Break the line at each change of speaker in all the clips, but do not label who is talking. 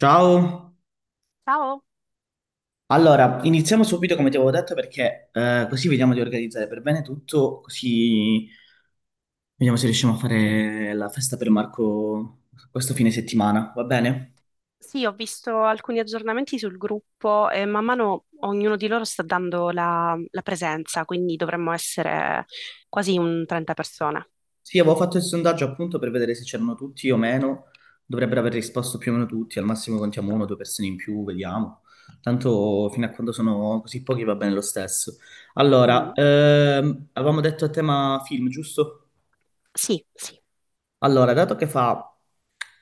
Ciao,
Ciao,
allora iniziamo subito come ti avevo detto perché così vediamo di organizzare per bene tutto, così vediamo se riusciamo a fare la festa per Marco questo fine settimana, va bene?
sì, ho visto alcuni aggiornamenti sul gruppo e man mano ognuno di loro sta dando la presenza, quindi dovremmo essere quasi un 30 persone.
Sì, avevo fatto il sondaggio appunto per vedere se c'erano tutti o meno, dovrebbero aver risposto più o meno tutti, al massimo contiamo uno o due persone in più, vediamo. Tanto fino a quando sono così pochi va bene lo stesso. Allora,
Mm,
avevamo detto a tema film, giusto?
sì, sì.
Allora, dato che fa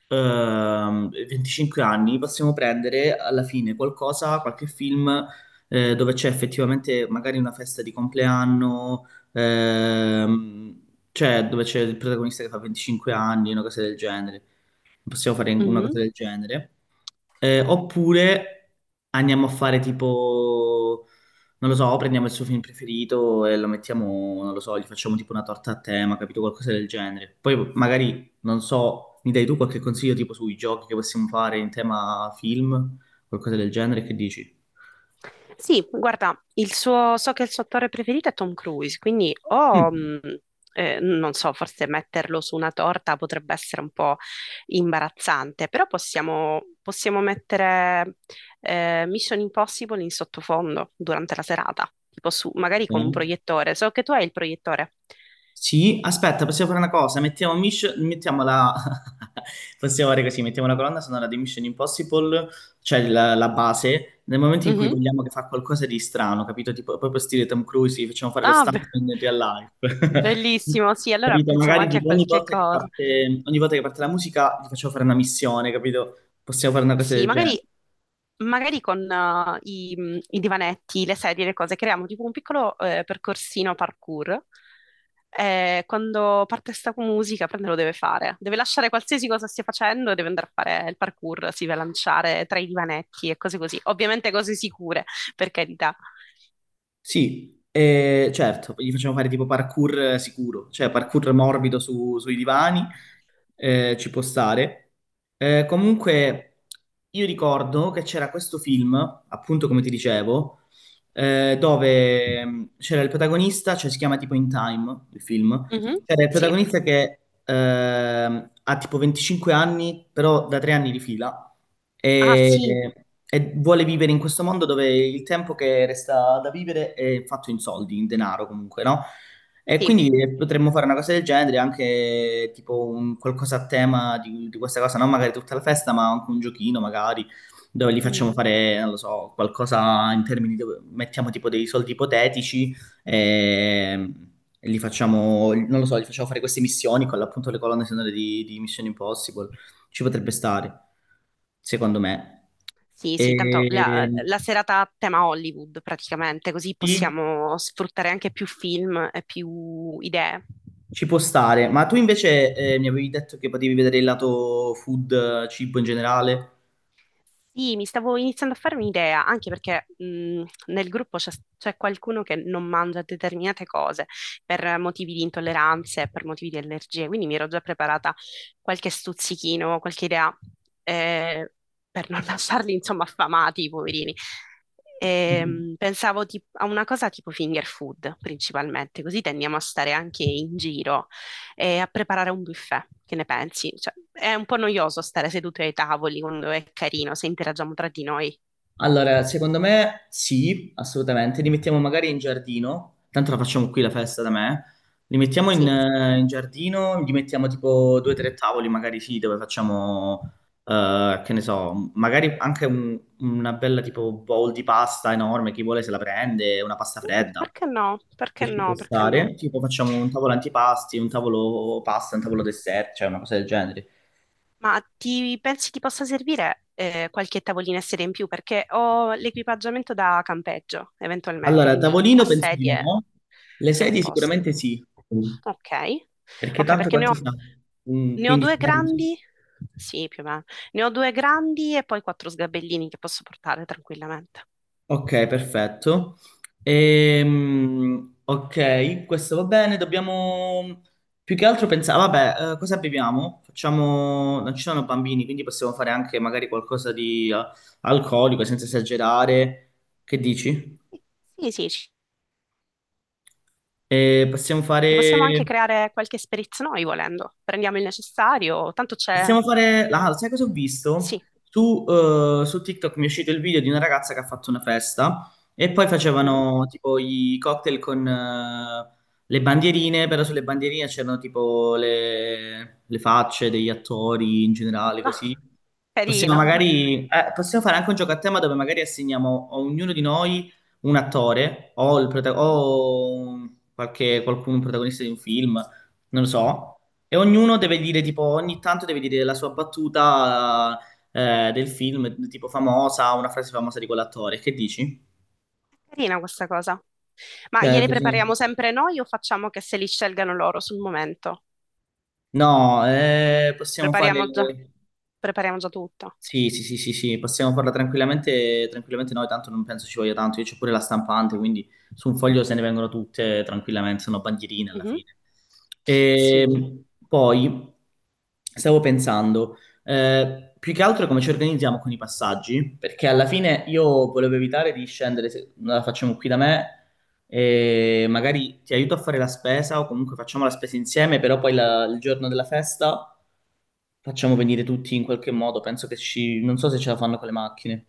25 anni, possiamo prendere alla fine qualcosa, qualche film dove c'è effettivamente magari una festa di compleanno, ehm, cioè dove c'è il protagonista che fa 25 anni, una cosa del genere. Possiamo fare una
Mhm.
cosa del genere. Oppure andiamo a fare tipo. Non lo so, prendiamo il suo film preferito e lo mettiamo, non lo so, gli facciamo tipo una torta a tema, capito? Qualcosa del genere. Poi magari, non so, mi dai tu qualche consiglio tipo sui giochi che possiamo fare in tema film, qualcosa del genere, che dici?
Sì, guarda, so che il suo attore preferito è Tom Cruise, quindi o,
Mm.
non so, forse metterlo su una torta potrebbe essere un po' imbarazzante, però possiamo mettere Mission Impossible in sottofondo durante la serata, tipo su, magari con un
Eh?
proiettore. So che tu hai il proiettore.
Sì, aspetta, possiamo fare una cosa. Mettiamo la possiamo fare così, mettiamo la colonna sonora di Mission Impossible, cioè la base, nel momento in cui
Mhm.
vogliamo che fa qualcosa di strano, capito? Tipo, proprio stile Tom Cruise, gli facciamo fare lo
Ah, be-
stunt in real life.
Bellissimo, sì, allora
Capito?
pensiamo
Magari
anche a
tipo
qualche cosa.
ogni volta che parte la musica gli facciamo fare una missione, capito? Possiamo fare una cosa
Sì,
del genere.
magari con i divanetti, le sedie, le cose, creiamo tipo un piccolo percorsino parkour. Quando parte sta musica, prende lo deve fare. Deve lasciare qualsiasi cosa stia facendo e deve andare a fare il parkour, si deve lanciare tra i divanetti e cose così. Ovviamente cose sicure, per carità.
Sì, certo, gli facciamo fare tipo parkour sicuro, cioè parkour morbido sui divani, ci può stare. Comunque, io ricordo che c'era questo film, appunto come ti dicevo, dove c'era il protagonista, cioè si chiama tipo In Time, il film,
Mhm,
cioè, il
sì.
protagonista che ha tipo 25 anni, però da 3 anni di fila,
Ah, sì,
e vuole vivere in questo mondo dove il tempo che resta da vivere è fatto in soldi, in denaro comunque, no? E
sì.
quindi potremmo fare una cosa del genere, anche tipo qualcosa a tema di questa cosa, non magari tutta la festa, ma anche un giochino magari, dove gli facciamo
Mhm.
fare, non lo so, qualcosa in termini dove mettiamo tipo dei soldi ipotetici. Ehm, E li facciamo, non lo so, li facciamo fare queste missioni con appunto le colonne sonore di Mission Impossible. Ci potrebbe stare, secondo me.
Sì, sì, tanto la,
E
la serata a tema Hollywood praticamente, così
sì,
possiamo sfruttare anche più film e più idee.
ci può stare. Ma tu invece mi avevi detto che potevi vedere il lato food, cibo in generale.
Sì, mi stavo iniziando a farmi un'idea, anche perché nel gruppo c'è qualcuno che non mangia determinate cose per motivi di intolleranze, per motivi di allergie, quindi mi ero già preparata qualche stuzzichino, qualche idea eh, per non lasciarli, insomma, affamati, i poverini. Pensavo a una cosa tipo finger food principalmente, così tendiamo a stare anche in giro e a preparare un buffet. Che ne pensi? Cioè, è un po' noioso stare seduti ai tavoli quando è carino, se interagiamo tra di noi.
Allora, secondo me sì, assolutamente. Li mettiamo magari in giardino, tanto la facciamo qui la festa da me. Li mettiamo in,
Sì,
eh, in giardino, gli mettiamo tipo due o tre tavoli, magari sì, dove facciamo, che ne so, magari anche una bella tipo bowl di pasta enorme, chi vuole se la prende, una pasta
mm,
fredda
perché no?
che
Perché
ci può
no? Perché no?
stare. Tipo facciamo un tavolo antipasti, un tavolo pasta, un tavolo dessert, cioè una cosa del genere.
Ma ti pensi ti possa servire qualche tavolina e sedia in più? Perché ho l'equipaggiamento da campeggio, eventualmente,
Allora,
quindi
tavolino
a
penso di
sedie
no, le
siamo a
sedie
posto.
sicuramente sì.
Ok,
Perché
ok,
tanto quanti siamo?
ne ho
15
due
minuti?
grandi, sì, più o meno, ne ho due grandi e poi quattro sgabellini che posso portare tranquillamente.
Ok, perfetto. Ok, questo va bene. Dobbiamo più che altro pensare, vabbè, cosa beviamo? Facciamo, non ci sono bambini, quindi possiamo fare anche magari qualcosa di alcolico senza esagerare. Che dici?
Sì, sì,
Possiamo
ci possiamo anche
fare.
creare qualche esperienza noi volendo. Prendiamo il necessario, tanto c'è...
Possiamo fare. Ah, sai cosa ho visto?
Sì,
Su TikTok mi è uscito il video di una ragazza che ha fatto una festa e poi
mhm.
facevano tipo i cocktail con le bandierine, però sulle bandierine c'erano tipo le facce degli attori in generale,
No,
così. Possiamo
carino.
magari... eh, possiamo fare anche un gioco a tema dove magari assegniamo a ognuno di noi un attore o, il prota-
Mhm.
o qualche, qualcuno, un protagonista di un film, non lo so. E ognuno deve dire, tipo, ogni tanto deve dire la sua battuta del film, tipo famosa, una frase famosa di quell'attore. Che dici?
Carina questa cosa. Ma
Cioè,
gliele
così.
prepariamo sempre noi o facciamo che se li scelgano loro sul momento?
No, possiamo fare.
Prepariamo già, Prepariamo già tutto.
Sì, sì, sì, sì, sì, possiamo farla tranquillamente noi, tanto non penso ci voglia tanto, io c'ho pure la stampante, quindi su un foglio se ne vengono tutte tranquillamente, sono bandierine alla
Mhm.
fine.
Sì.
E poi stavo pensando, più che altro come ci organizziamo con i passaggi, perché alla fine io volevo evitare di scendere, se la facciamo qui da me, e magari ti aiuto a fare la spesa o comunque facciamo la spesa insieme, però poi il giorno della festa facciamo venire tutti in qualche modo, penso che ci, non so se ce la fanno con le macchine.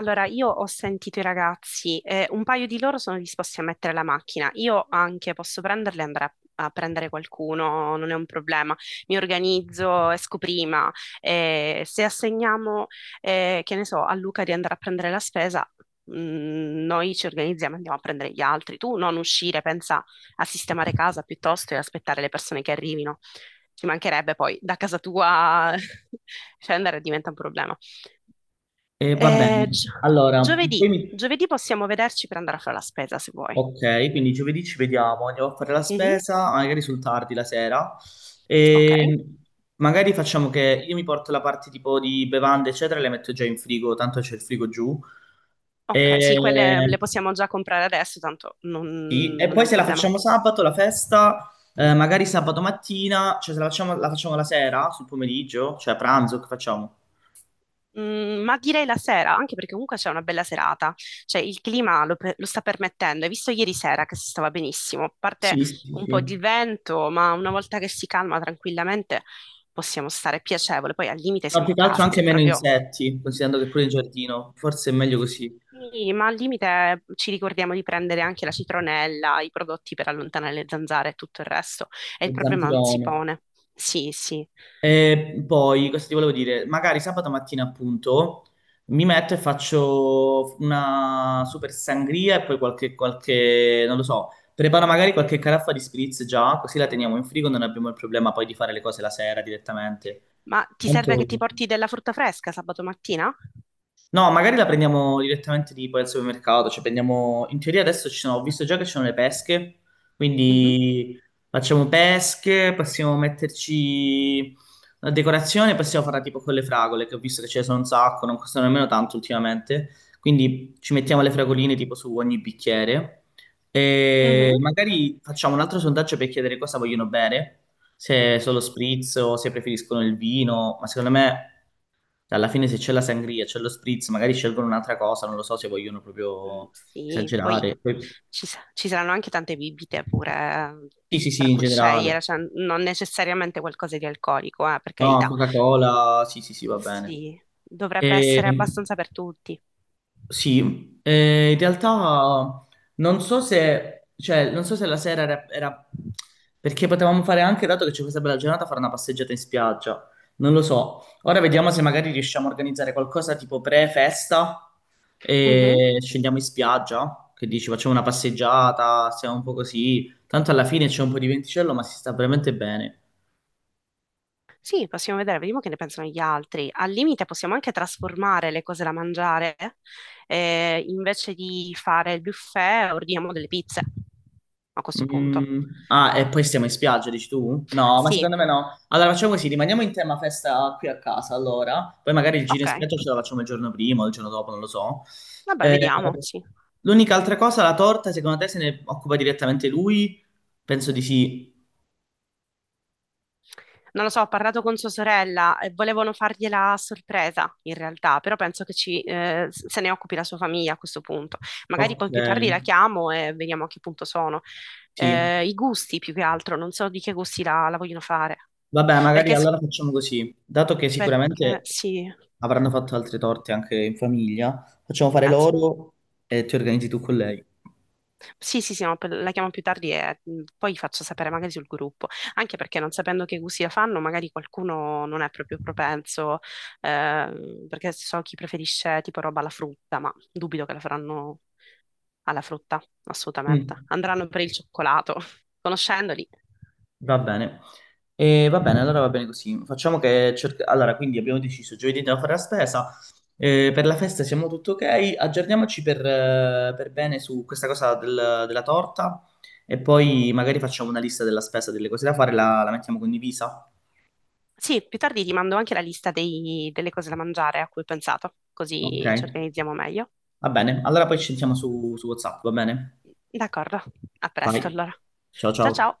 Allora, io ho sentito i ragazzi, un paio di loro sono disposti a mettere la macchina, io anche posso prenderle e andare a prendere qualcuno, non è un problema, mi organizzo, esco prima, se assegniamo, che ne so, a Luca di andare a prendere la spesa, noi ci organizziamo, andiamo a prendere gli altri, tu non uscire, pensa a sistemare casa piuttosto e aspettare le persone che arrivino, ci mancherebbe poi da casa tua scendere diventa un problema.
E va bene, allora, poi
Giovedì. Giovedì possiamo vederci per andare a fare la spesa se vuoi.
ok, quindi giovedì ci vediamo, andiamo a fare la
Mhm.
spesa, magari sul tardi la sera,
Ok,
e magari facciamo che io mi porto la parte tipo di bevande, eccetera, le metto già in frigo, tanto c'è il frigo giù.
ok, sì, quelle le
E...
possiamo già comprare adesso, tanto non,
Sì, e
non è
poi
un
se la
problema.
facciamo sabato la festa, magari sabato mattina, cioè se la facciamo, la facciamo la sera, sul pomeriggio, cioè a pranzo, che facciamo?
Mm, ma direi la sera, anche perché comunque c'è una bella serata, cioè il clima lo, pe- lo sta permettendo. Hai visto ieri sera che si stava benissimo, a parte
Sì, sì,
un po' di
sì.
vento, ma una volta che si calma tranquillamente possiamo stare piacevole. Poi al limite
No,
siamo a
più che altro
casa,
anche
se
meno
proprio.
insetti, considerando che pure in giardino, forse è meglio così,
Sì, ma al limite ci ricordiamo di prendere anche la citronella, i prodotti per allontanare le zanzare e tutto il resto, e il
lo
problema non si
zampirone.
pone. Sì, sì.
E poi, cosa ti volevo dire? Magari sabato mattina, appunto, mi metto e faccio una super sangria e poi non lo so, preparo magari qualche caraffa di spritz già, così la
Mm.
teniamo in frigo, non abbiamo il problema poi di fare le cose la sera direttamente.
Ma ti serve
Tanto...
che ti porti della frutta fresca sabato mattina?
No, magari la prendiamo direttamente tipo al supermercato, cioè prendiamo, in teoria adesso ci sono, ho visto già che ci sono le pesche,
Mhm,
quindi facciamo pesche, possiamo metterci la decorazione, possiamo farla tipo con le fragole, che ho visto che ce ne sono un sacco, non costano nemmeno tanto ultimamente, quindi ci mettiamo le fragoline tipo su ogni bicchiere e
mhm.
magari facciamo un altro sondaggio per chiedere cosa vogliono bere, se solo spritz o se preferiscono il vino, ma secondo me. Cioè, alla fine se c'è la sangria, c'è lo spritz, magari scelgono un'altra cosa, non lo so se vogliono
Mm,
proprio
sì, poi
esagerare.
ci saranno anche tante bibite pure
Sì, sì, sì,
tra
in
cui
generale.
scegliere, cioè non necessariamente qualcosa di alcolico, per
No,
carità.
Coca-Cola, sì, sì, sì, va bene.
Sì, dovrebbe
E
essere abbastanza per tutti.
sì, in realtà non so se, cioè, non so se la sera perché potevamo fare anche, dato che c'è questa bella giornata, fare una passeggiata in spiaggia. Non lo so. Ora vediamo se magari riusciamo a organizzare qualcosa tipo pre-festa e scendiamo in spiaggia. Che dici, facciamo una passeggiata, stiamo un po' così. Tanto alla fine c'è un po' di venticello, ma si sta veramente bene.
Sì, possiamo vedere, vediamo che ne pensano gli altri. Al limite possiamo anche trasformare le cose da mangiare, invece di fare il buffet ordiniamo delle pizze a questo punto.
Ah, e poi stiamo in spiaggia, dici tu? No, ma
Sì,
secondo me no. Allora facciamo così, rimaniamo in tema festa qui a casa, allora. Poi magari il giro
ok,
in spiaggia ce la facciamo il giorno prima o il giorno dopo, non lo so.
vabbè,
Eh,
vediamo, sì.
l'unica altra cosa, la torta, secondo te se ne occupa direttamente lui? Penso di sì.
Non lo so, ho parlato con sua sorella e volevano fargliela a sorpresa in realtà, però penso che se ne occupi la sua famiglia a questo punto. Magari
Ok,
poi più tardi la chiamo e vediamo a che punto sono.
sì.
I gusti più che altro, non so di che gusti la vogliono fare.
Vabbè, magari
Perché s-
allora facciamo così. Dato che
Perché
sicuramente
sì,
avranno fatto altre torte anche in famiglia, facciamo fare
penso.
loro e ti organizzi tu con lei.
Sì, sì, sì, no, la chiamo più tardi e poi faccio sapere magari sul gruppo, anche perché non sapendo che cucina fanno, magari qualcuno non è proprio propenso, perché so chi preferisce tipo roba alla frutta, ma dubito che la faranno alla frutta, assolutamente.
Mm,
Andranno per il cioccolato, conoscendoli.
va bene. E va bene, allora va bene così. Facciamo che allora, quindi abbiamo deciso, giovedì andiamo a fare la spesa, per la festa siamo tutto ok, aggiorniamoci per bene su questa cosa della torta e poi magari facciamo una lista della spesa, delle cose da fare, la mettiamo condivisa.
Sì, più tardi ti mando anche la lista delle cose da mangiare a cui ho pensato,
Ok,
così ci organizziamo meglio.
va bene. Allora poi ci sentiamo su, su WhatsApp, va bene?
D'accordo, a
Vai.
presto allora.
Ciao
Ciao
ciao.
ciao.